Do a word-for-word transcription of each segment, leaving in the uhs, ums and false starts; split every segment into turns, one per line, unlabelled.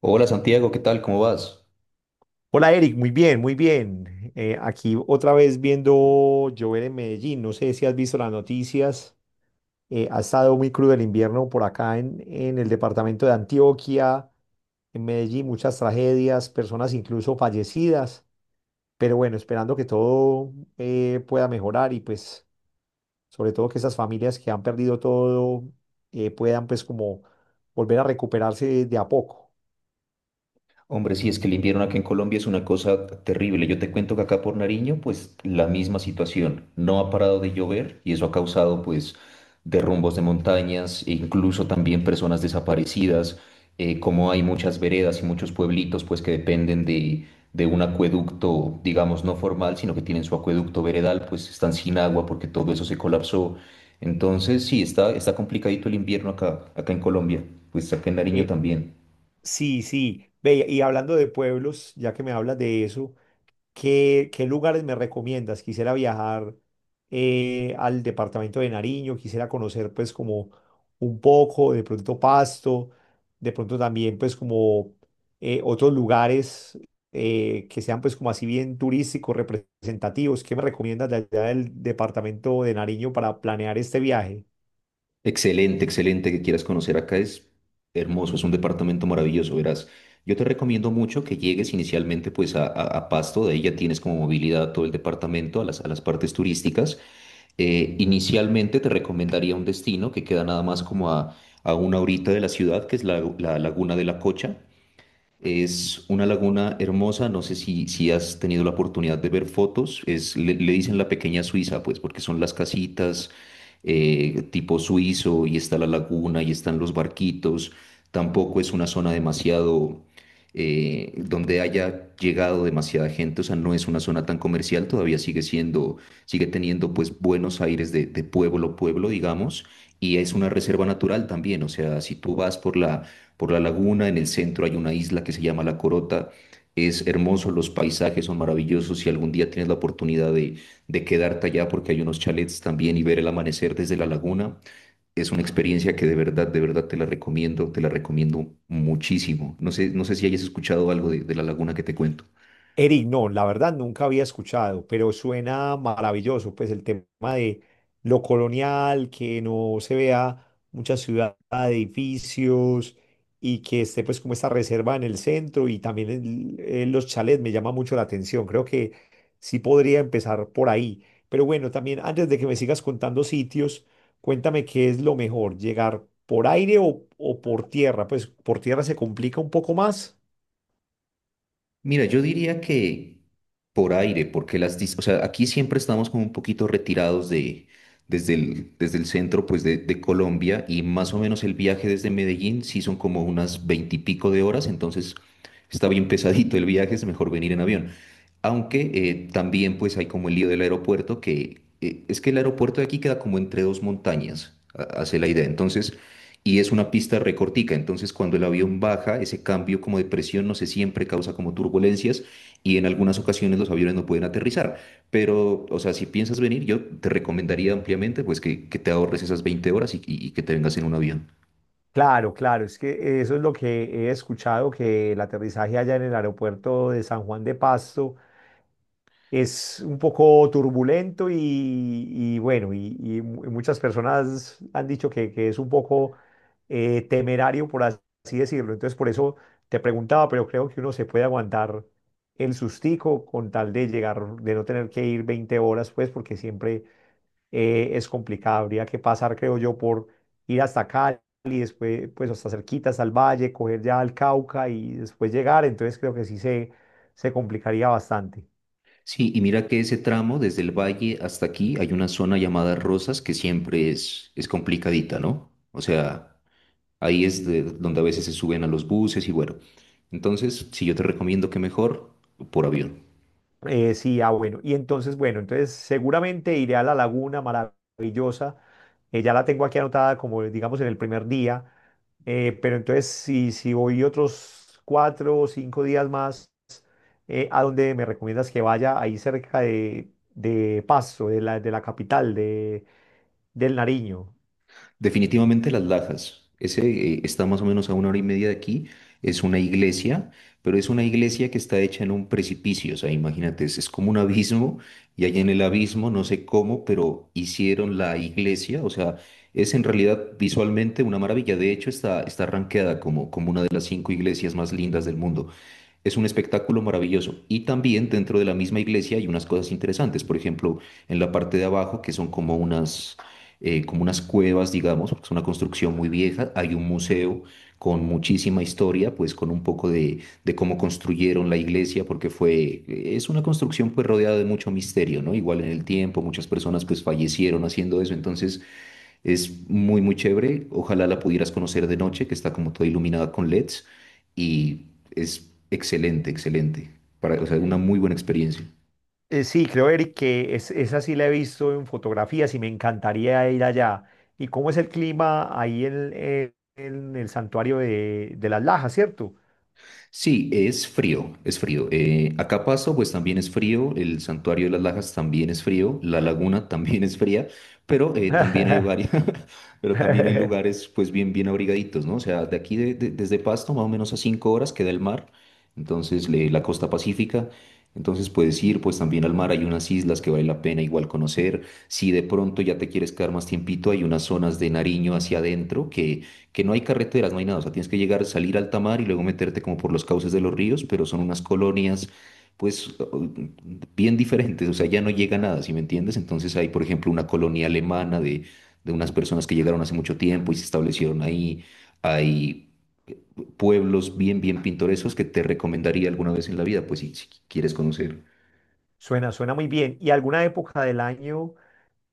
Hola Santiago, ¿qué tal? ¿Cómo vas?
Hola Eric, muy bien, muy bien. Eh, aquí otra vez viendo llover en Medellín. No sé si has visto las noticias. Eh, ha estado muy crudo el invierno por acá en, en el departamento de Antioquia, en Medellín, muchas tragedias, personas incluso fallecidas. Pero bueno, esperando que todo eh, pueda mejorar y pues sobre todo que esas familias que han perdido todo eh, puedan pues como volver a recuperarse de a poco.
Hombre, sí, es que el invierno acá en Colombia es una cosa terrible. Yo te cuento que acá por Nariño, pues la misma situación. No ha parado de llover y eso ha causado pues derrumbos de montañas e incluso también personas desaparecidas. Eh, como hay muchas veredas y muchos pueblitos pues que dependen de, de un acueducto, digamos, no formal, sino que tienen su acueducto veredal, pues están sin agua porque todo eso se colapsó. Entonces, sí, está, está complicadito el invierno acá, acá en Colombia, pues acá en Nariño
Eh,
también.
sí, sí. Ve, y hablando de pueblos, ya que me hablas de eso. ¿Qué, qué lugares me recomiendas? Quisiera viajar eh, al departamento de Nariño, quisiera conocer pues como un poco, de pronto Pasto, de pronto también pues como eh, otros lugares eh, que sean pues como así bien turísticos, representativos. ¿Qué me recomiendas de allá del departamento de Nariño para planear este viaje?
Excelente, excelente que quieras conocer acá. Es hermoso, es un departamento maravilloso, verás. Yo te recomiendo mucho que llegues inicialmente pues a, a- a Pasto. De ahí ya tienes como movilidad a todo el departamento, a las, a las partes turísticas. Eh, inicialmente te recomendaría es una laguna hermosa, no sé si, si has tenido la oportunidad de ver fotos. Es, le, le dicen la pequeña Suiza, pues porque son las casitas eh, tipo suizo y está la laguna y están los barquitos. Tampoco es una zona demasiado eh, donde haya llegado demasiada gente, o sea, no es una zona tan comercial, todavía sigue siendo, sigue teniendo pues buenos aires de, de pueblo, pueblo, digamos, y es una reserva natural también. O sea, si tú vas por la por la laguna, en el centro hay una isla que se llama La Corota. Es hermoso, los paisajes son maravillosos. Si algún día tienes la oportunidad de, de quedarte allá, porque hay unos chalets también y ver el amanecer desde la laguna, es una experiencia que de verdad, de verdad te la recomiendo, te la recomiendo muchísimo. No sé, no sé si hayas escuchado algo de de la laguna que te cuento.
Eric, no, la verdad nunca había escuchado, pero suena maravilloso, pues el tema de lo colonial, que no se vea mucha ciudad, edificios y que esté pues como esta reserva en el centro y también el- eh, los chalets me llama mucho la atención, creo que sí podría empezar por ahí, pero bueno, también antes de que me sigas contando sitios, cuéntame qué es lo mejor, llegar por aire o, o por tierra, pues por tierra se complica un poco más.
Mira, yo diría que por aire, porque las, dis- o sea, aquí siempre estamos como un poquito retirados de, desde el, desde el centro, pues, de, de Colombia, y más o menos el viaje desde Medellín sí son como unas veintipico de horas. Entonces está bien pesadito el viaje, es mejor venir en avión. Aunque eh, también, pues, hay como el lío del aeropuerto, que eh, es que el aeropuerto de aquí queda como entre dos montañas, ha- hace la idea. Entonces, y es una pista recortica, entonces cuando el avión baja, ese cambio como de presión, no sé, siempre causa como turbulencias, y en algunas ocasiones los aviones no pueden aterrizar. Pero, o sea, si piensas venir, yo te recomendaría ampliamente pues que, que te ahorres esas veinte horas y, y- y que te vengas en un avión.
Claro, claro, es que eso es lo que he escuchado, que el aterrizaje allá en el aeropuerto de San Juan de Pasto es un poco turbulento y, y bueno, y, y mu- muchas personas han dicho que, que es un poco eh, temerario, por as- así decirlo. Entonces, por eso te preguntaba, pero creo que uno se puede aguantar el sustico con tal de llegar, de no tener que ir veinte horas, pues, porque siempre eh, es complicada. Habría que pasar, creo yo, por ir hasta Cali, después, pues hasta cerquita, hasta el Valle, coger ya al Cauca y después llegar. Entonces creo que sí se, se complicaría bastante.
Sí, y mira que ese tramo desde el valle hasta aquí hay una zona llamada Rosas que siempre es, es complicadita, ¿no? O sea, ahí es de- donde a veces se suben a los buses y bueno. Entonces, si yo te recomiendo que mejor por avión.
Eh, sí, ah, bueno. Y entonces, bueno, entonces seguramente iré a la laguna maravillosa. Eh, ya la tengo aquí anotada como, digamos, en el primer día. Eh, pero entonces, si, si voy otros cuatro o cinco días más, eh, ¿a dónde me recomiendas que vaya? Ahí cerca de, de Pasto, de la, de la capital, de, del Nariño.
Definitivamente Las Lajas. Ese eh, está más o menos a una hora y media de aquí. Es una iglesia, pero es una iglesia que está hecha en un precipicio. O sea, imagínate, es, es como un abismo, y allá en el abismo, no sé cómo, pero hicieron la iglesia. O sea, es en realidad visualmente una maravilla. De hecho, está, está rankeada como, como una de las cinco iglesias más lindas del mundo. Es un espectáculo maravilloso. Y también dentro de la misma iglesia hay unas cosas interesantes. Por ejemplo, en la parte de abajo, que son como unas, eh, como unas cuevas, digamos, porque es una construcción muy vieja, hay un museo con muchísima historia, pues con un poco de, de cómo construyeron la iglesia, porque fue, es una construcción pues rodeada de mucho misterio, ¿no? Igual en el tiempo, muchas personas pues fallecieron haciendo eso. Entonces, es muy, muy chévere. Ojalá la pudieras conocer de noche, que está como toda iluminada con L E Ds. Y es excelente, excelente. Para, o sea, una muy buena experiencia.
Eh, sí, creo, Eric, que es, esa sí la he visto en fotografías y me encantaría ir allá. ¿Y cómo es el clima ahí en, eh, en el santuario de, de las Lajas, cierto?
Sí, es frío, es frío. Eh, Acapaso, pues también es frío, el Santuario de las Lajas también es frío, la laguna también es fría, pero eh, también hay varias, pero también hay lugares pues bien, bien abrigaditos, ¿no? O sea, de aquí de- de- desde Pasto, más o menos a cinco horas queda el mar, entonces le- la costa pacífica. Entonces puedes ir pues también al mar, hay unas islas que vale la pena igual conocer, si de pronto ya te quieres quedar más tiempito. Hay unas zonas de Nariño hacia adentro que que no hay carreteras, no hay nada, o sea, tienes que llegar, salir al alta mar y luego meterte como por los cauces de los ríos, pero son unas colonias, pues, o- bien diferentes. O sea, ya no llega nada, ¿si me entiendes? Entonces hay, por ejemplo, una colonia alemana de, de unas personas que llegaron hace mucho tiempo y se establecieron ahí. Hay pueblos bien, bien pintorescos que te recomendaría alguna vez en la vida, pues, si, si quieres conocer.
Suena, suena muy bien. ¿Y alguna época del año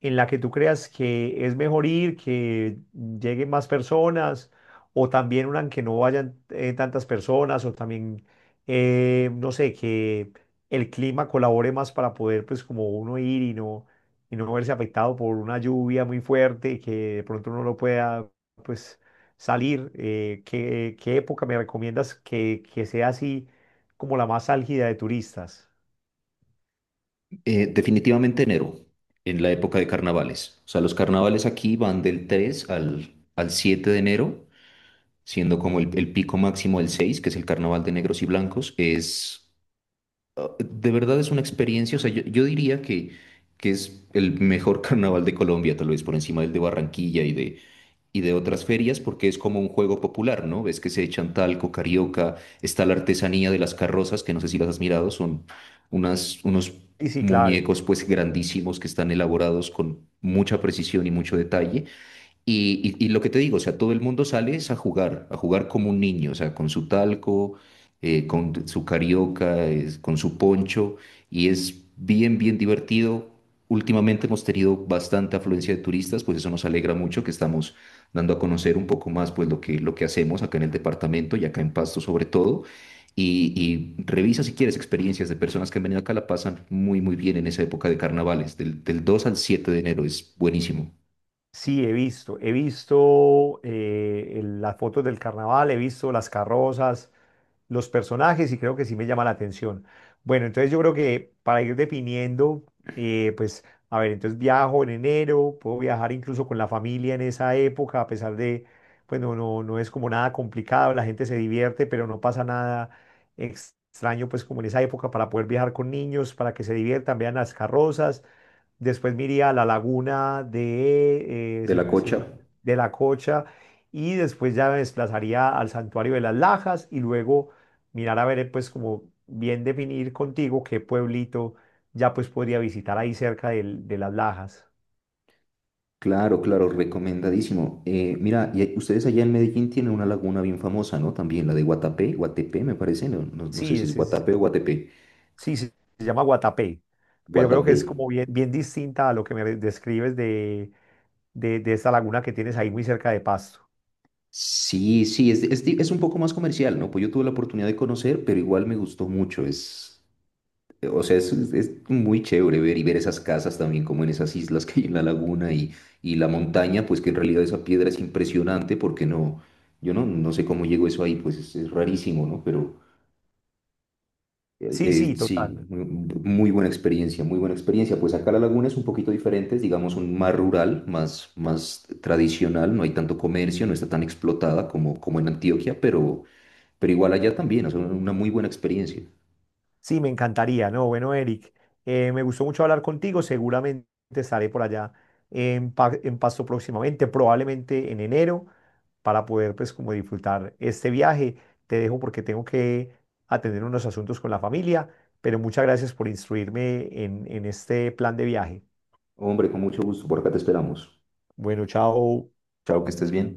en la que tú creas que es mejor ir, que lleguen más personas, o también una en que no vayan eh, tantas personas, o también, eh, no sé, que el clima colabore más para poder, pues, como uno ir y no, y no verse afectado por una lluvia muy fuerte, que de pronto uno no pueda, pues, salir. Eh, ¿qué, qué época me recomiendas que, que sea así como la más álgida de turistas?
Eh, definitivamente enero, en la época de carnavales. O sea, los carnavales aquí van del tres al, al siete de enero, siendo como el, el pico máximo el seis, que es el Carnaval de Negros y Blancos. Es, ah, de verdad es una experiencia. O sea, yo, yo diría que, que es el mejor carnaval de Colombia, tal vez por encima del de Barranquilla y de, y de otras ferias, porque es como un juego popular, ¿no? Ves que se echan talco, carioca, está la artesanía de las carrozas, que no sé si las has mirado. Son unas, unos
Sí, sí, claro.
muñecos pues grandísimos que están elaborados con mucha precisión y mucho detalle, y, y- y lo que te digo. O sea, todo el mundo sale es a jugar, a jugar como un niño, o sea, con su talco, eh, con su carioca, es- con su poncho, y es bien, bien divertido. Últimamente hemos tenido bastante afluencia de turistas, pues eso nos alegra mucho, que estamos dando a conocer un poco más, pues lo que, lo que hacemos acá en el departamento y acá en Pasto sobre todo. Y, y revisa si quieres experiencias de personas que han venido acá, la pasan muy, muy bien en esa época de carnavales, del, del dos al siete de enero, es buenísimo.
Sí, he visto. He visto eh, el- las fotos del carnaval, he visto las carrozas, los personajes y creo que sí me llama la atención. Bueno, entonces yo creo que para ir definiendo, eh, pues, a ver, entonces viajo en enero, puedo viajar incluso con la familia en esa época, a pesar de, pues no, no, no es como nada complicado, la gente se divierte, pero no pasa nada extraño, pues como en esa época para poder viajar con niños, para que se diviertan, vean las carrozas. Después me iría a la laguna de, eh,
De
se
la
me- se me-
cocha.
de la Cocha y después ya me desplazaría al santuario de las Lajas y luego mirar a ver, eh, pues como bien definir contigo qué pueblito ya pues podría visitar ahí cerca del- de las Lajas.
Claro, claro, recomendadísimo. Eh, mira, y ahí- ustedes allá en Medellín tienen una laguna bien famosa, ¿no? También la de Guatapé, Guatepé me parece, no, no, no sé
Sí,
si es
ese es-
Guatapé o Guatepé.
sí, sí, se llama Guatapé, pero creo que
Guatapé.
es como bien, bien distinta a lo que me describes de, de, de esta laguna que tienes ahí muy cerca de Pasto.
Sí, sí, es, es, di- es un poco más comercial, ¿no? Pues yo tuve la oportunidad de conocer, pero igual me gustó mucho. Es, eh, o sea, es, es- es muy chévere ver y ver esas casas también como en esas islas que hay en la laguna, y, y la montaña, pues que en realidad esa piedra es impresionante, porque no, yo no, no sé cómo llegó eso ahí, pues es, es rarísimo, ¿no? Pero... Eh,
Sí, sí,
eh, sí,
total.
muy, muy buena experiencia, muy buena experiencia. Pues acá la laguna es un poquito diferente, es, digamos un más rural, más, más tradicional, no hay tanto comercio, no está tan explotada como, como en Antioquia, pero, pero igual allá también, o sea, una muy buena experiencia.
Sí, me encantaría, ¿no? Bueno, Eric, eh, me gustó mucho hablar contigo. Seguramente estaré por allá en, Pa- en Pasto próximamente, probablemente en enero, para poder, pues, como disfrutar este viaje. Te dejo porque tengo que atender unos asuntos con la familia, pero muchas gracias por instruirme en, en este plan de viaje.
Hombre, con mucho gusto, por acá te esperamos.
Bueno, chao.
Chao, que estés bien.